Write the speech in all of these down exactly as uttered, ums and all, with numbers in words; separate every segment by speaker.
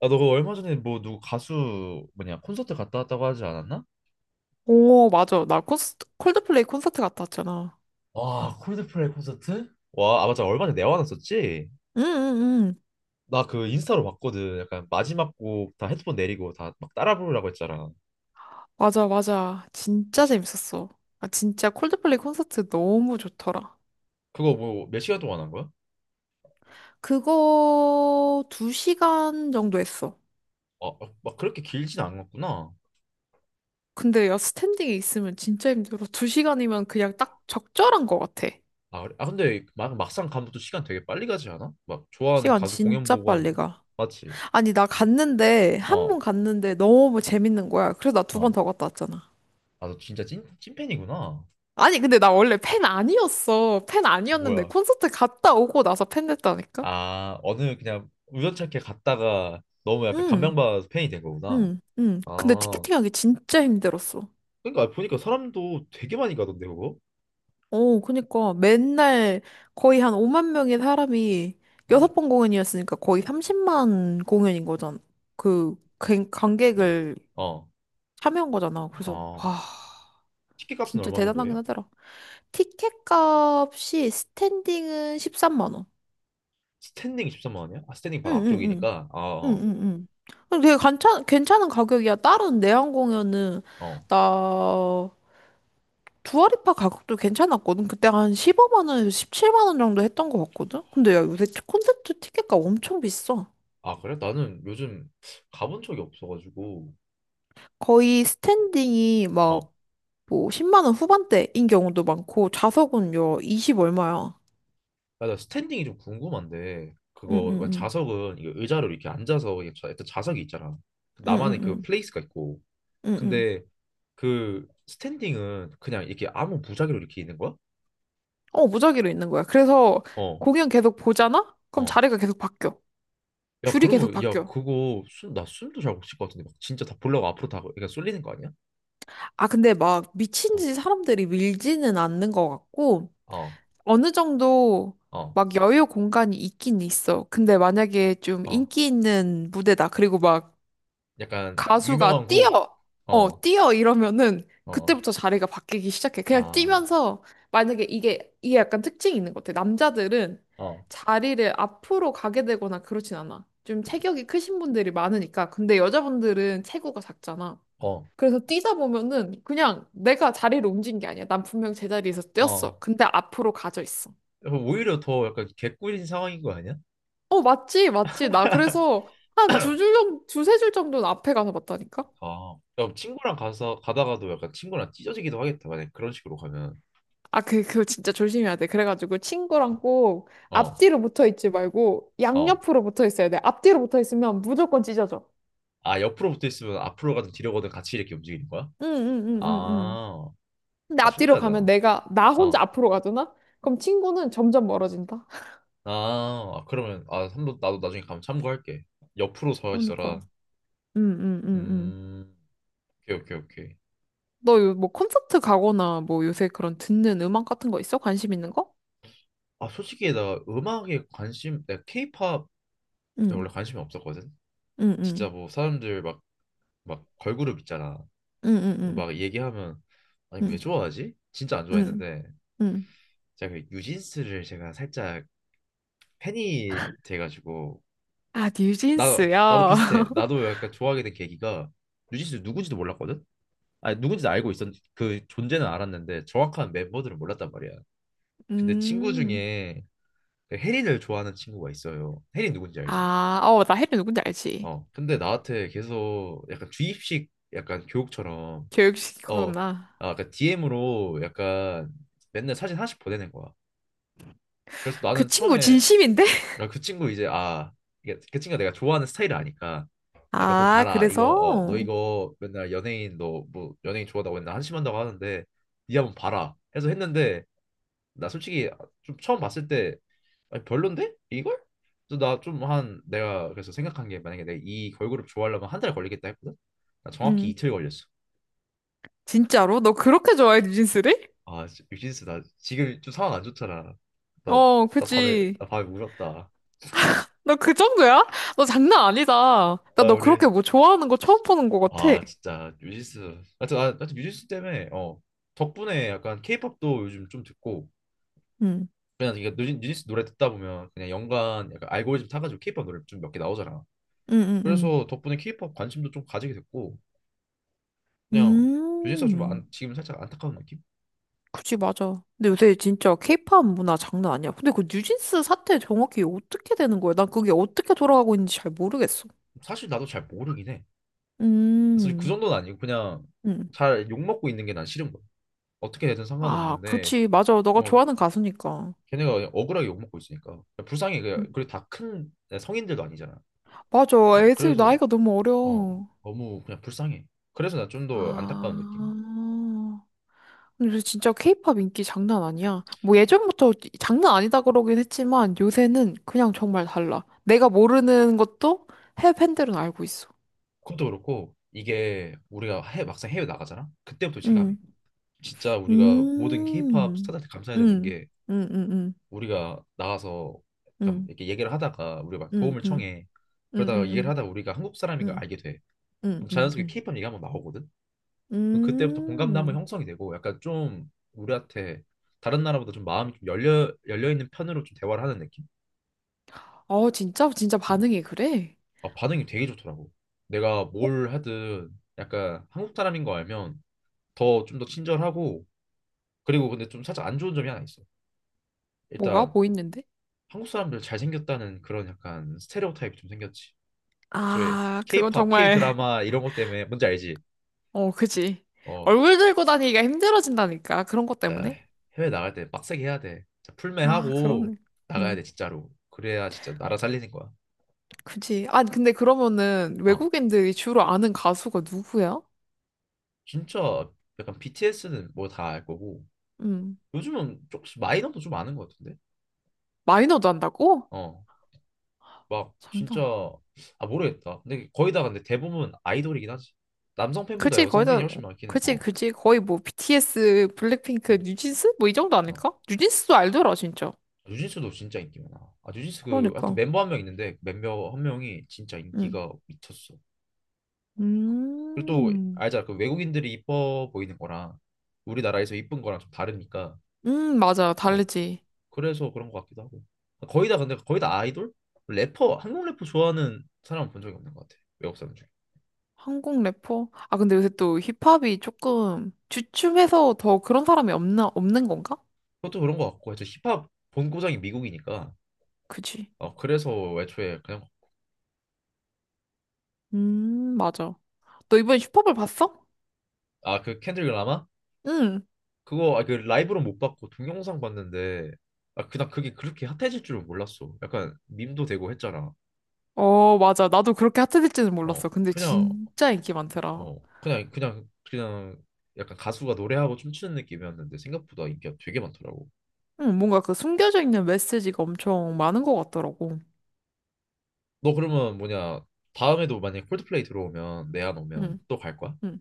Speaker 1: 아, 너 그거 얼마 전에 뭐 누구 가수 뭐냐 콘서트 갔다 왔다고 하지 않았나?
Speaker 2: 오, 맞아. 나 콘스, 콜드플레이 콘서트 갔다 왔잖아.
Speaker 1: 와, 콜드플레이 콘서트? 와, 아 맞아 얼마 전에 내화 났었지?
Speaker 2: 응, 응, 응.
Speaker 1: 나 그 인스타로 봤거든. 약간 마지막 곡 다 헤드폰 내리고 다 막 따라 부르라고 했잖아.
Speaker 2: 맞아, 맞아. 진짜 재밌었어. 아, 진짜 콜드플레이 콘서트 너무 좋더라.
Speaker 1: 그거 뭐 몇 시간 동안 한 거야?
Speaker 2: 그거 두 시간 정도 했어.
Speaker 1: 아, 아, 막 그렇게 길진 않았구나.
Speaker 2: 근데 야, 스탠딩에 있으면 진짜 힘들어. 두 시간이면 그냥 딱 적절한 것 같아.
Speaker 1: 아, 그래? 아 근데 막 막상 가면 또 시간 되게 빨리 가지 않아? 막 좋아하는
Speaker 2: 시간
Speaker 1: 가수 공연
Speaker 2: 진짜
Speaker 1: 보고
Speaker 2: 빨리
Speaker 1: 하면
Speaker 2: 가.
Speaker 1: 맞지?
Speaker 2: 아니, 나 갔는데, 한
Speaker 1: 어,
Speaker 2: 번 갔는데 너무 재밌는 거야. 그래서 나 두 번
Speaker 1: 어.
Speaker 2: 더 갔다 왔잖아.
Speaker 1: 아 너 진짜 찐 찐팬이구나.
Speaker 2: 아니, 근데 나 원래 팬 아니었어. 팬 아니었는데
Speaker 1: 뭐야?
Speaker 2: 콘서트 갔다 오고 나서 팬 됐다니까?
Speaker 1: 아, 어느 그냥 우연찮게 갔다가 너무 약간
Speaker 2: 응,
Speaker 1: 감명받아서 팬이 된 거구나.
Speaker 2: 응, 응. 근데
Speaker 1: 아,
Speaker 2: 티켓팅하기 진짜 힘들었어.
Speaker 1: 그러니까 보니까 사람도 되게 많이 가던데 그거?
Speaker 2: 어, 그니까 맨날 거의 한 오만 명의 사람이
Speaker 1: 어,
Speaker 2: 여섯 번 공연이었으니까 거의 삼십만 공연인 거잖아. 그 관-
Speaker 1: 어,
Speaker 2: 관객을
Speaker 1: 어,
Speaker 2: 참여한 거잖아. 그래서
Speaker 1: 어.
Speaker 2: 와,
Speaker 1: 티켓 값은
Speaker 2: 진짜
Speaker 1: 얼마 정도
Speaker 2: 대단하긴
Speaker 1: 해?
Speaker 2: 하더라. 티켓 값이 스탠딩은 십삼만 원.
Speaker 1: 스탠딩이 십삼만 원이야? 아, 스탠딩
Speaker 2: 응,
Speaker 1: 바로
Speaker 2: 응, 응.
Speaker 1: 앞쪽이니까. 아,
Speaker 2: 응,
Speaker 1: 어,
Speaker 2: 응, 응. 되게 괜찮, 괜찮은 가격이야. 다른 내한 공연은
Speaker 1: 어.
Speaker 2: 나 두아리파 가격도 괜찮았거든. 그때 한 십오만 원에서 십칠만 원 정도 했던 것 같거든. 근데 야, 요새 콘서트 티켓값 엄청 비싸.
Speaker 1: 아, 그래? 나는 요즘 가본 적이 없어가지고.
Speaker 2: 거의 스탠딩이
Speaker 1: 어,
Speaker 2: 막 뭐 십만 원 후반대인 경우도 많고 좌석은 요이십 얼마야.
Speaker 1: 아, 나 스탠딩이 좀 궁금한데 그거 왜
Speaker 2: 응응응.
Speaker 1: 자석은 이거 의자로 이렇게 앉아서 이게 자- 일단 자석이 있잖아. 나만의
Speaker 2: 응응응.
Speaker 1: 그 플레이스가 있고
Speaker 2: 응응.
Speaker 1: 근데 그 스탠딩은 그냥 이렇게 아무 무작위로 이렇게 있는 거야?
Speaker 2: 어, 무작위로 있는 거야. 그래서
Speaker 1: 어,
Speaker 2: 공연 계속 보잖아? 그럼
Speaker 1: 어.
Speaker 2: 자리가 계속 바뀌어.
Speaker 1: 야,
Speaker 2: 줄이 계속
Speaker 1: 그러면 야,
Speaker 2: 바뀌어.
Speaker 1: 그거 숨, 나 숨도 잘 못 쉴 것 같은데 막 진짜 다 보려고 앞으로 다 그러니까 쏠리는 거 아니야?
Speaker 2: 아, 근데 막 미친
Speaker 1: 어,
Speaker 2: 듯이 사람들이 밀지는 않는 것 같고
Speaker 1: 어,
Speaker 2: 어느 정도
Speaker 1: 어,
Speaker 2: 막 여유 공간이 있긴 있어. 근데 만약에 좀
Speaker 1: 어.
Speaker 2: 인기 있는 무대다. 그리고 막
Speaker 1: 약간 유명한
Speaker 2: 가수가
Speaker 1: 곡.
Speaker 2: 뛰어! 어,
Speaker 1: 어,
Speaker 2: 뛰어! 이러면은
Speaker 1: 어.
Speaker 2: 그때부터 자리가 바뀌기 시작해. 그냥
Speaker 1: 아,
Speaker 2: 뛰면서 만약에 이게, 이게 약간 특징이 있는 것 같아. 남자들은
Speaker 1: 어,
Speaker 2: 자리를 앞으로 가게 되거나 그렇진 않아. 좀 체격이 크신 분들이 많으니까. 근데 여자분들은 체구가 작잖아.
Speaker 1: 어,
Speaker 2: 그래서 뛰다 보면은 그냥 내가 자리를 옮긴 게 아니야. 난 분명 제자리에서
Speaker 1: 어.
Speaker 2: 뛰었어. 근데 앞으로 가져 있어.
Speaker 1: 야, 오히려 더 약간 개꿀인 상황인 거 아니야?
Speaker 2: 어, 맞지, 맞지. 나 그래서 한 두 줄 정도, 두세 줄 정도는 앞에 가서 봤다니까?
Speaker 1: 아, 야, 친구랑 가서 가다가도 약간 친구랑 찢어지기도 하겠다. 만약 그런 식으로 가면.
Speaker 2: 아, 그, 그거 진짜 조심해야 돼. 그래가지고 친구랑 꼭
Speaker 1: 어,
Speaker 2: 앞뒤로 붙어 있지 말고
Speaker 1: 어.
Speaker 2: 양옆으로 붙어 있어야 돼. 앞뒤로 붙어 있으면 무조건 찢어져.
Speaker 1: 아, 옆으로 붙어 있으면 앞으로 가든 뒤로 가든 같이 이렇게 움직이는 거야?
Speaker 2: 응, 응, 응, 응, 응.
Speaker 1: 아,
Speaker 2: 근데
Speaker 1: 아
Speaker 2: 앞뒤로 가면
Speaker 1: 신기하다.
Speaker 2: 내가, 나 혼자
Speaker 1: 어.
Speaker 2: 앞으로 가잖아? 그럼 친구는 점점 멀어진다.
Speaker 1: 아, 아, 그러면 아 한번 나도 나중에 가면 참고할게. 옆으로 서
Speaker 2: 그러니까.
Speaker 1: 있어라.
Speaker 2: 응, 응, 응, 응.
Speaker 1: 음, 오케이 오케이 오케이.
Speaker 2: 너 요 뭐 콘서트 가거나 뭐 요새 그런 듣는 음악 같은 거 있어? 관심 있는 거?
Speaker 1: 아 솔직히 나 음악에 관심, 내가 케이팝에
Speaker 2: 응,
Speaker 1: 원래 관심이 없었거든.
Speaker 2: 응,
Speaker 1: 진짜
Speaker 2: 응,
Speaker 1: 뭐 사람들 막 막 걸그룹 있잖아.
Speaker 2: 응, 응, 응,
Speaker 1: 막 얘기하면 아니 왜
Speaker 2: 응,
Speaker 1: 좋아하지? 진짜 안
Speaker 2: 응.
Speaker 1: 좋아했는데
Speaker 2: 응.
Speaker 1: 제가 그 유진스를 제가 살짝 팬이 돼가지고
Speaker 2: 아,
Speaker 1: 나 나도
Speaker 2: 뉴진스요?
Speaker 1: 비슷해. 나도 약간 좋아하게 된 계기가 유진스 누군지도 몰랐거든. 아니 누군지 알고 있었 그 존재는 알았는데 정확한 멤버들은 몰랐단 말이야. 근데 친구
Speaker 2: 음.
Speaker 1: 중에 혜린을 좋아하는 친구가 있어요. 혜린 누군지 알지?
Speaker 2: 아, 어, 나 혜리 누군지 알지?
Speaker 1: 어. 근데 나한테 계속 약간 주입식 약간 교육처럼 어,
Speaker 2: 교육시키구나.
Speaker 1: 아, 약간 디엠으로 약간 맨날 사진 하나씩 보내는 거야. 그래서
Speaker 2: 그
Speaker 1: 나는
Speaker 2: 친구
Speaker 1: 처음에
Speaker 2: 진심인데?
Speaker 1: 아, 그 친구 이제 아, 이게 그 친구가 내가 좋아하는 스타일을 아니까 아, 몇 번
Speaker 2: 아,
Speaker 1: 봐라. 이거 어, 너
Speaker 2: 그래서?
Speaker 1: 이거 맨날 연예인 너 뭐 연예인 좋아한다고 맨날 한심한다고 하는데 니 한번 봐라. 해서 했는데 나 솔직히 좀 처음 봤을 때 아니, 별론데? 이걸? 그래서 나 좀 한 내가 그래서 생각한 게 만약에 내가 이 걸그룹 좋아하려면 한 달 걸리겠다 했거든? 나 정확히
Speaker 2: 음.
Speaker 1: 이틀 걸렸어.
Speaker 2: 진짜로? 너 그렇게 좋아해, 뉴진스를?
Speaker 1: 아, 뮤 유진스 나 지금 좀 상황 안 좋잖아. 나,
Speaker 2: 어,
Speaker 1: 나 밤에
Speaker 2: 그치.
Speaker 1: 나 밤에 울었다.
Speaker 2: 너 그 정도야? 너 장난 아니다. 나
Speaker 1: 아,
Speaker 2: 너
Speaker 1: 우리
Speaker 2: 그렇게 뭐 좋아하는 거 처음 보는 거 같아.
Speaker 1: 아, 진짜 유진스. 하여튼 아 하여튼 유진스 때문에 어 덕분에 약간 케이팝도 요즘 좀 듣고
Speaker 2: 응,
Speaker 1: 그냥 이게 뉴진- 뉴진스 노래 듣다 보면 그냥 연관 약간 알고리즘 타가지고 케이팝 노래 좀 몇 개 나오잖아.
Speaker 2: 응, 응, 응.
Speaker 1: 그래서 덕분에 케이팝 관심도 좀 가지게 됐고 그냥 요진스가 좀
Speaker 2: 음.
Speaker 1: 안, 지금 살짝 안타까운 느낌?
Speaker 2: 그치, 맞아. 근데 요새 진짜 케이팝 문화 장난 아니야. 근데 그 뉴진스 사태 정확히 어떻게 되는 거야? 난 그게 어떻게 돌아가고 있는지 잘 모르겠어.
Speaker 1: 사실 나도 잘 모르긴 해. 사실 그
Speaker 2: 음,
Speaker 1: 정도는 아니고 그냥
Speaker 2: 음.
Speaker 1: 잘 욕먹고 있는 게 난 싫은 거야. 어떻게 되든
Speaker 2: 아,
Speaker 1: 상관없는데
Speaker 2: 그렇지. 맞아. 너가
Speaker 1: 어,
Speaker 2: 좋아하는 가수니까.
Speaker 1: 걔네가 그냥 억울하게 욕먹고 있으니까 불쌍해. 그냥
Speaker 2: 음.
Speaker 1: 그리고 다 큰 성인들도 아니잖아.
Speaker 2: 맞아.
Speaker 1: 어,
Speaker 2: 애들
Speaker 1: 그래서
Speaker 2: 나이가 너무
Speaker 1: 어,
Speaker 2: 어려워.
Speaker 1: 너무 그냥 불쌍해. 그래서 나 좀 더 안타까운 느낌.
Speaker 2: 아. 근데 요새 진짜 케이팝 인기 장난 아니야. 뭐 예전부터 장난 아니다 그러긴 했지만 요새는 그냥 정말 달라. 내가 모르는 것도 해외 팬들은 알고 있어.
Speaker 1: 그것도 그렇고 이게 우리가 해, 막상 해외 나가잖아. 그때부터 체감해. 진짜 우리가 모든 케이팝
Speaker 2: 음,
Speaker 1: 스타들한테
Speaker 2: 음,
Speaker 1: 감사해야 되는
Speaker 2: 음,
Speaker 1: 게
Speaker 2: 음, 음,
Speaker 1: 우리가 나가서 약간
Speaker 2: 음,
Speaker 1: 이렇게 얘기를 하다가 우리가 막
Speaker 2: 음,
Speaker 1: 도움을
Speaker 2: 음,
Speaker 1: 청해.
Speaker 2: 음,
Speaker 1: 그러다가 얘기를
Speaker 2: 음,
Speaker 1: 하다가 우리가 한국 사람인 걸 알게
Speaker 2: 음,
Speaker 1: 돼. 그럼
Speaker 2: 음,
Speaker 1: 자연스럽게
Speaker 2: 음.
Speaker 1: 케이팝 얘기 한번 나오거든. 그럼 그때부터 공감도 한번
Speaker 2: 음.
Speaker 1: 형성이 되고 약간 좀 우리한테 다른 나라보다 좀 마음이 좀 열려 열려 있는 편으로 좀 대화를 하는 느낌?
Speaker 2: 어, 진짜? 진짜
Speaker 1: 어.
Speaker 2: 반응이 그래?
Speaker 1: 아, 반응이 되게 좋더라고. 내가 뭘 하든 약간 한국 사람인 거 알면 더 좀 더 친절하고 그리고 근데 좀 살짝 안 좋은 점이 하나 있어.
Speaker 2: 뭐가?
Speaker 1: 일단
Speaker 2: 뭐 있는데?
Speaker 1: 한국 사람들 잘생겼다는 그런 약간 스테레오타입이 좀 생겼지. 애초에
Speaker 2: 아, 그건
Speaker 1: K-팝,
Speaker 2: 정말,
Speaker 1: K-드라마 이런 것 때문에 뭔지 알지?
Speaker 2: 어, 그지.
Speaker 1: 어,
Speaker 2: 얼굴 들고 다니기가 힘들어진다니까. 그런 것
Speaker 1: 나
Speaker 2: 때문에.
Speaker 1: 해외 나갈 때 빡세게 해야 돼. 진짜
Speaker 2: 아,
Speaker 1: 풀매하고
Speaker 2: 그러네.
Speaker 1: 나가야
Speaker 2: 음,
Speaker 1: 돼 진짜로. 그래야 진짜 나라 살리는 거야.
Speaker 2: 그지. 아, 근데 그러면은
Speaker 1: 어,
Speaker 2: 외국인들이 주로 아는 가수가 누구야?
Speaker 1: 진짜 약간 비티에스는 뭐 다 알 거고
Speaker 2: 음,
Speaker 1: 요즘은 조금씩 마이너도 좀 아는 것 같은데.
Speaker 2: 마이너도 한다고?
Speaker 1: 어, 막 진짜
Speaker 2: 장난.
Speaker 1: 아 모르겠다. 근데 거의 다 근데 대부분 아이돌이긴 하지. 남성 팬보다
Speaker 2: 그치, 거의
Speaker 1: 여성 팬이
Speaker 2: 다,
Speaker 1: 훨씬 많긴 해.
Speaker 2: 그치,
Speaker 1: 어.
Speaker 2: 그치. 거의 뭐 비티에스, 블랙핑크,
Speaker 1: 음,
Speaker 2: 뉴진스? 뭐 이 정도
Speaker 1: 어.
Speaker 2: 아닐까? 뉴진스도 알더라, 진짜.
Speaker 1: 뉴진스도 진짜 인기 많아. 아, 뉴진스 그 하여튼
Speaker 2: 그러니까.
Speaker 1: 멤버 한 명 있는데 멤버 한 명이 진짜
Speaker 2: 응.
Speaker 1: 인기가 미쳤어. 그리고 또
Speaker 2: 음.
Speaker 1: 알잖아 그 외국인들이 이뻐 보이는 거랑 우리나라에서 이쁜 거랑 좀 다르니까
Speaker 2: 음, 맞아.
Speaker 1: 어
Speaker 2: 다르지.
Speaker 1: 그래서 그런 것 같기도 하고 거의 다 근데 거의 다 아이돌 래퍼 한국 래퍼 좋아하는 사람은 본 적이 없는 것 같아 외국 사람 중에
Speaker 2: 한국 래퍼? 아, 근데 요새 또 힙합이 조금 주춤해서 더 그런 사람이 없나, 없는 건가?
Speaker 1: 그것도 그런 것 같고 이제 힙합 본고장이 미국이니까
Speaker 2: 그치.
Speaker 1: 어 그래서 애초에 그냥
Speaker 2: 음, 맞아. 너 이번에 힙합을 봤어?
Speaker 1: 아 그 켄드릭 라마
Speaker 2: 응.
Speaker 1: 그거 아, 그 라이브로 못 봤고 동영상 봤는데 아 그냥 그게 그렇게 핫해질 줄은 몰랐어 약간 밈도 되고 했잖아
Speaker 2: 어, 맞아. 나도 그렇게 핫해질지는
Speaker 1: 어
Speaker 2: 몰랐어. 근데
Speaker 1: 그냥
Speaker 2: 진짜 인기 많더라.
Speaker 1: 어 그냥 그냥 그냥 약간 가수가 노래하고 춤추는 느낌이었는데 생각보다 인기가 되게 많더라고.
Speaker 2: 응, 뭔가 그 숨겨져 있는 메시지가 엄청 많은 것 같더라고.
Speaker 1: 너 그러면 뭐냐 다음에도 만약 콜드플레이 들어오면 내한 오면
Speaker 2: 응,
Speaker 1: 또 갈 거야?
Speaker 2: 응.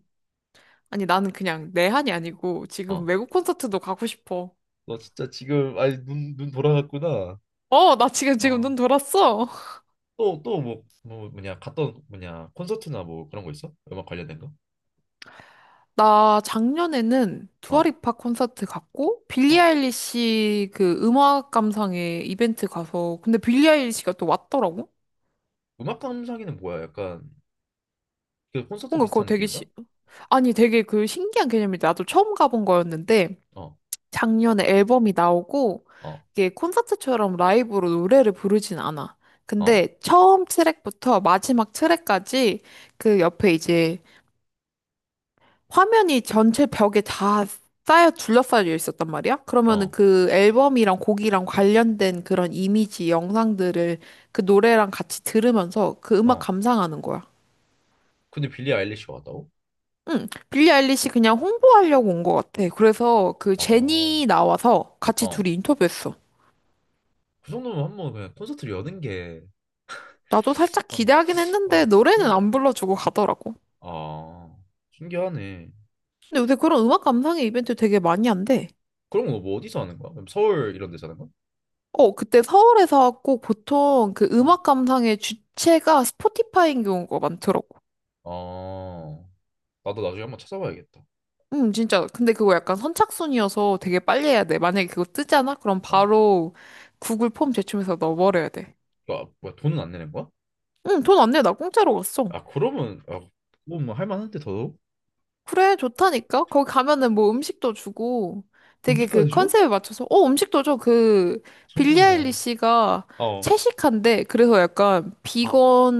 Speaker 2: 아니, 나는 그냥 내 한이 아니고 지금
Speaker 1: 어.
Speaker 2: 외국 콘서트도 가고 싶어.
Speaker 1: 너 진짜 지금 아니 눈 눈 돌아갔구나.
Speaker 2: 어, 나 지금, 지금
Speaker 1: 어.
Speaker 2: 눈 돌았어.
Speaker 1: 또 또 뭐 뭐 뭐냐 갔던 뭐냐 콘서트나 뭐 그런 거 있어? 음악 관련된 거?
Speaker 2: 나 작년에는
Speaker 1: 어.
Speaker 2: 두아리파 콘서트 갔고, 빌리
Speaker 1: 어.
Speaker 2: 아일리시 그 음악 감상회 이벤트 가서, 근데 빌리 아일리시가 또 왔더라고?
Speaker 1: 음악 감상회는 뭐야? 약간 그 콘서트
Speaker 2: 뭔가 그거
Speaker 1: 비슷한
Speaker 2: 되게,
Speaker 1: 느낌인가?
Speaker 2: 시... 아니, 되게 그 신기한 개념인데, 나도 처음 가본 거였는데,
Speaker 1: 어.
Speaker 2: 작년에 앨범이 나오고
Speaker 1: 어.
Speaker 2: 이게 콘서트처럼 라이브로 노래를 부르진 않아.
Speaker 1: 어.
Speaker 2: 근데 처음 트랙부터 마지막 트랙까지 그 옆에 이제 화면이 전체 벽에 다 쌓여 둘러싸여 있었단 말이야. 그러면은
Speaker 1: 어.
Speaker 2: 그 앨범이랑 곡이랑 관련된 그런 이미지 영상들을 그 노래랑 같이 들으면서 그 음악
Speaker 1: 어.
Speaker 2: 감상하는 거야.
Speaker 1: 근데 빌리 아일리시가 왔다고?
Speaker 2: 응, 빌리 아일리시 그냥 홍보하려고 온 것 같아. 그래서 그
Speaker 1: 어.
Speaker 2: 제니 나와서 같이
Speaker 1: 어.
Speaker 2: 둘이 인터뷰했어.
Speaker 1: 그 정도면 한 번 그냥 콘서트를 여는 게,
Speaker 2: 나도 살짝 기대하긴 했는데
Speaker 1: 아,
Speaker 2: 노래는
Speaker 1: 신기해.
Speaker 2: 안 불러주고 가더라고.
Speaker 1: 아, 신기하네.
Speaker 2: 근데 요새 그런 음악 감상회 이벤트 되게 많이 한대.
Speaker 1: 그런 거 뭐 어디서 하는 거야? 그럼 서울 이런 데서 하는 거야?
Speaker 2: 어, 그때 서울에서 꼭 보통 그
Speaker 1: 어.
Speaker 2: 음악 감상의 주체가 스포티파이인 경우가 많더라고.
Speaker 1: 아, 나도 나중에 한번 찾아봐야겠다.
Speaker 2: 음, 진짜. 근데 그거 약간 선착순이어서 되게 빨리 해야 돼. 만약에 그거 뜨잖아? 그럼
Speaker 1: 어.
Speaker 2: 바로 구글 폼 제출해서 넣어버려야 돼.
Speaker 1: 아, 뭐야, 돈은 안 내는 거야?
Speaker 2: 응, 돈 안 내. 나 공짜로 갔어.
Speaker 1: 아, 그러면, 아, 그건 뭐 할만한데 더더욱?
Speaker 2: 그래, 좋다니까? 거기 가면은 뭐 음식도 주고 되게 그
Speaker 1: 음식까지 줘?
Speaker 2: 컨셉에 맞춰서, 어, 음식도 줘. 그, 빌리
Speaker 1: 천국이네.
Speaker 2: 아일리시가
Speaker 1: 어.
Speaker 2: 채식한데, 그래서 약간
Speaker 1: 아,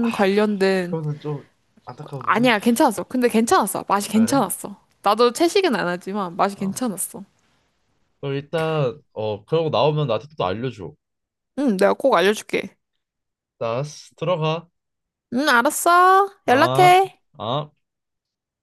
Speaker 1: 아, 그-
Speaker 2: 관련된,
Speaker 1: 그거는 좀 안타까운데.
Speaker 2: 아니야, 괜찮았어. 근데 괜찮았어. 맛이
Speaker 1: 아, 그래?
Speaker 2: 괜찮았어. 나도 채식은 안 하지만 맛이
Speaker 1: 어.
Speaker 2: 괜찮았어.
Speaker 1: 그럼 일단, 어, 그러고 나오면 나한테 또 알려줘.
Speaker 2: 응, 내가 꼭 알려줄게.
Speaker 1: 나 들어가.
Speaker 2: 응, 알았어.
Speaker 1: 아,
Speaker 2: 연락해.
Speaker 1: 아.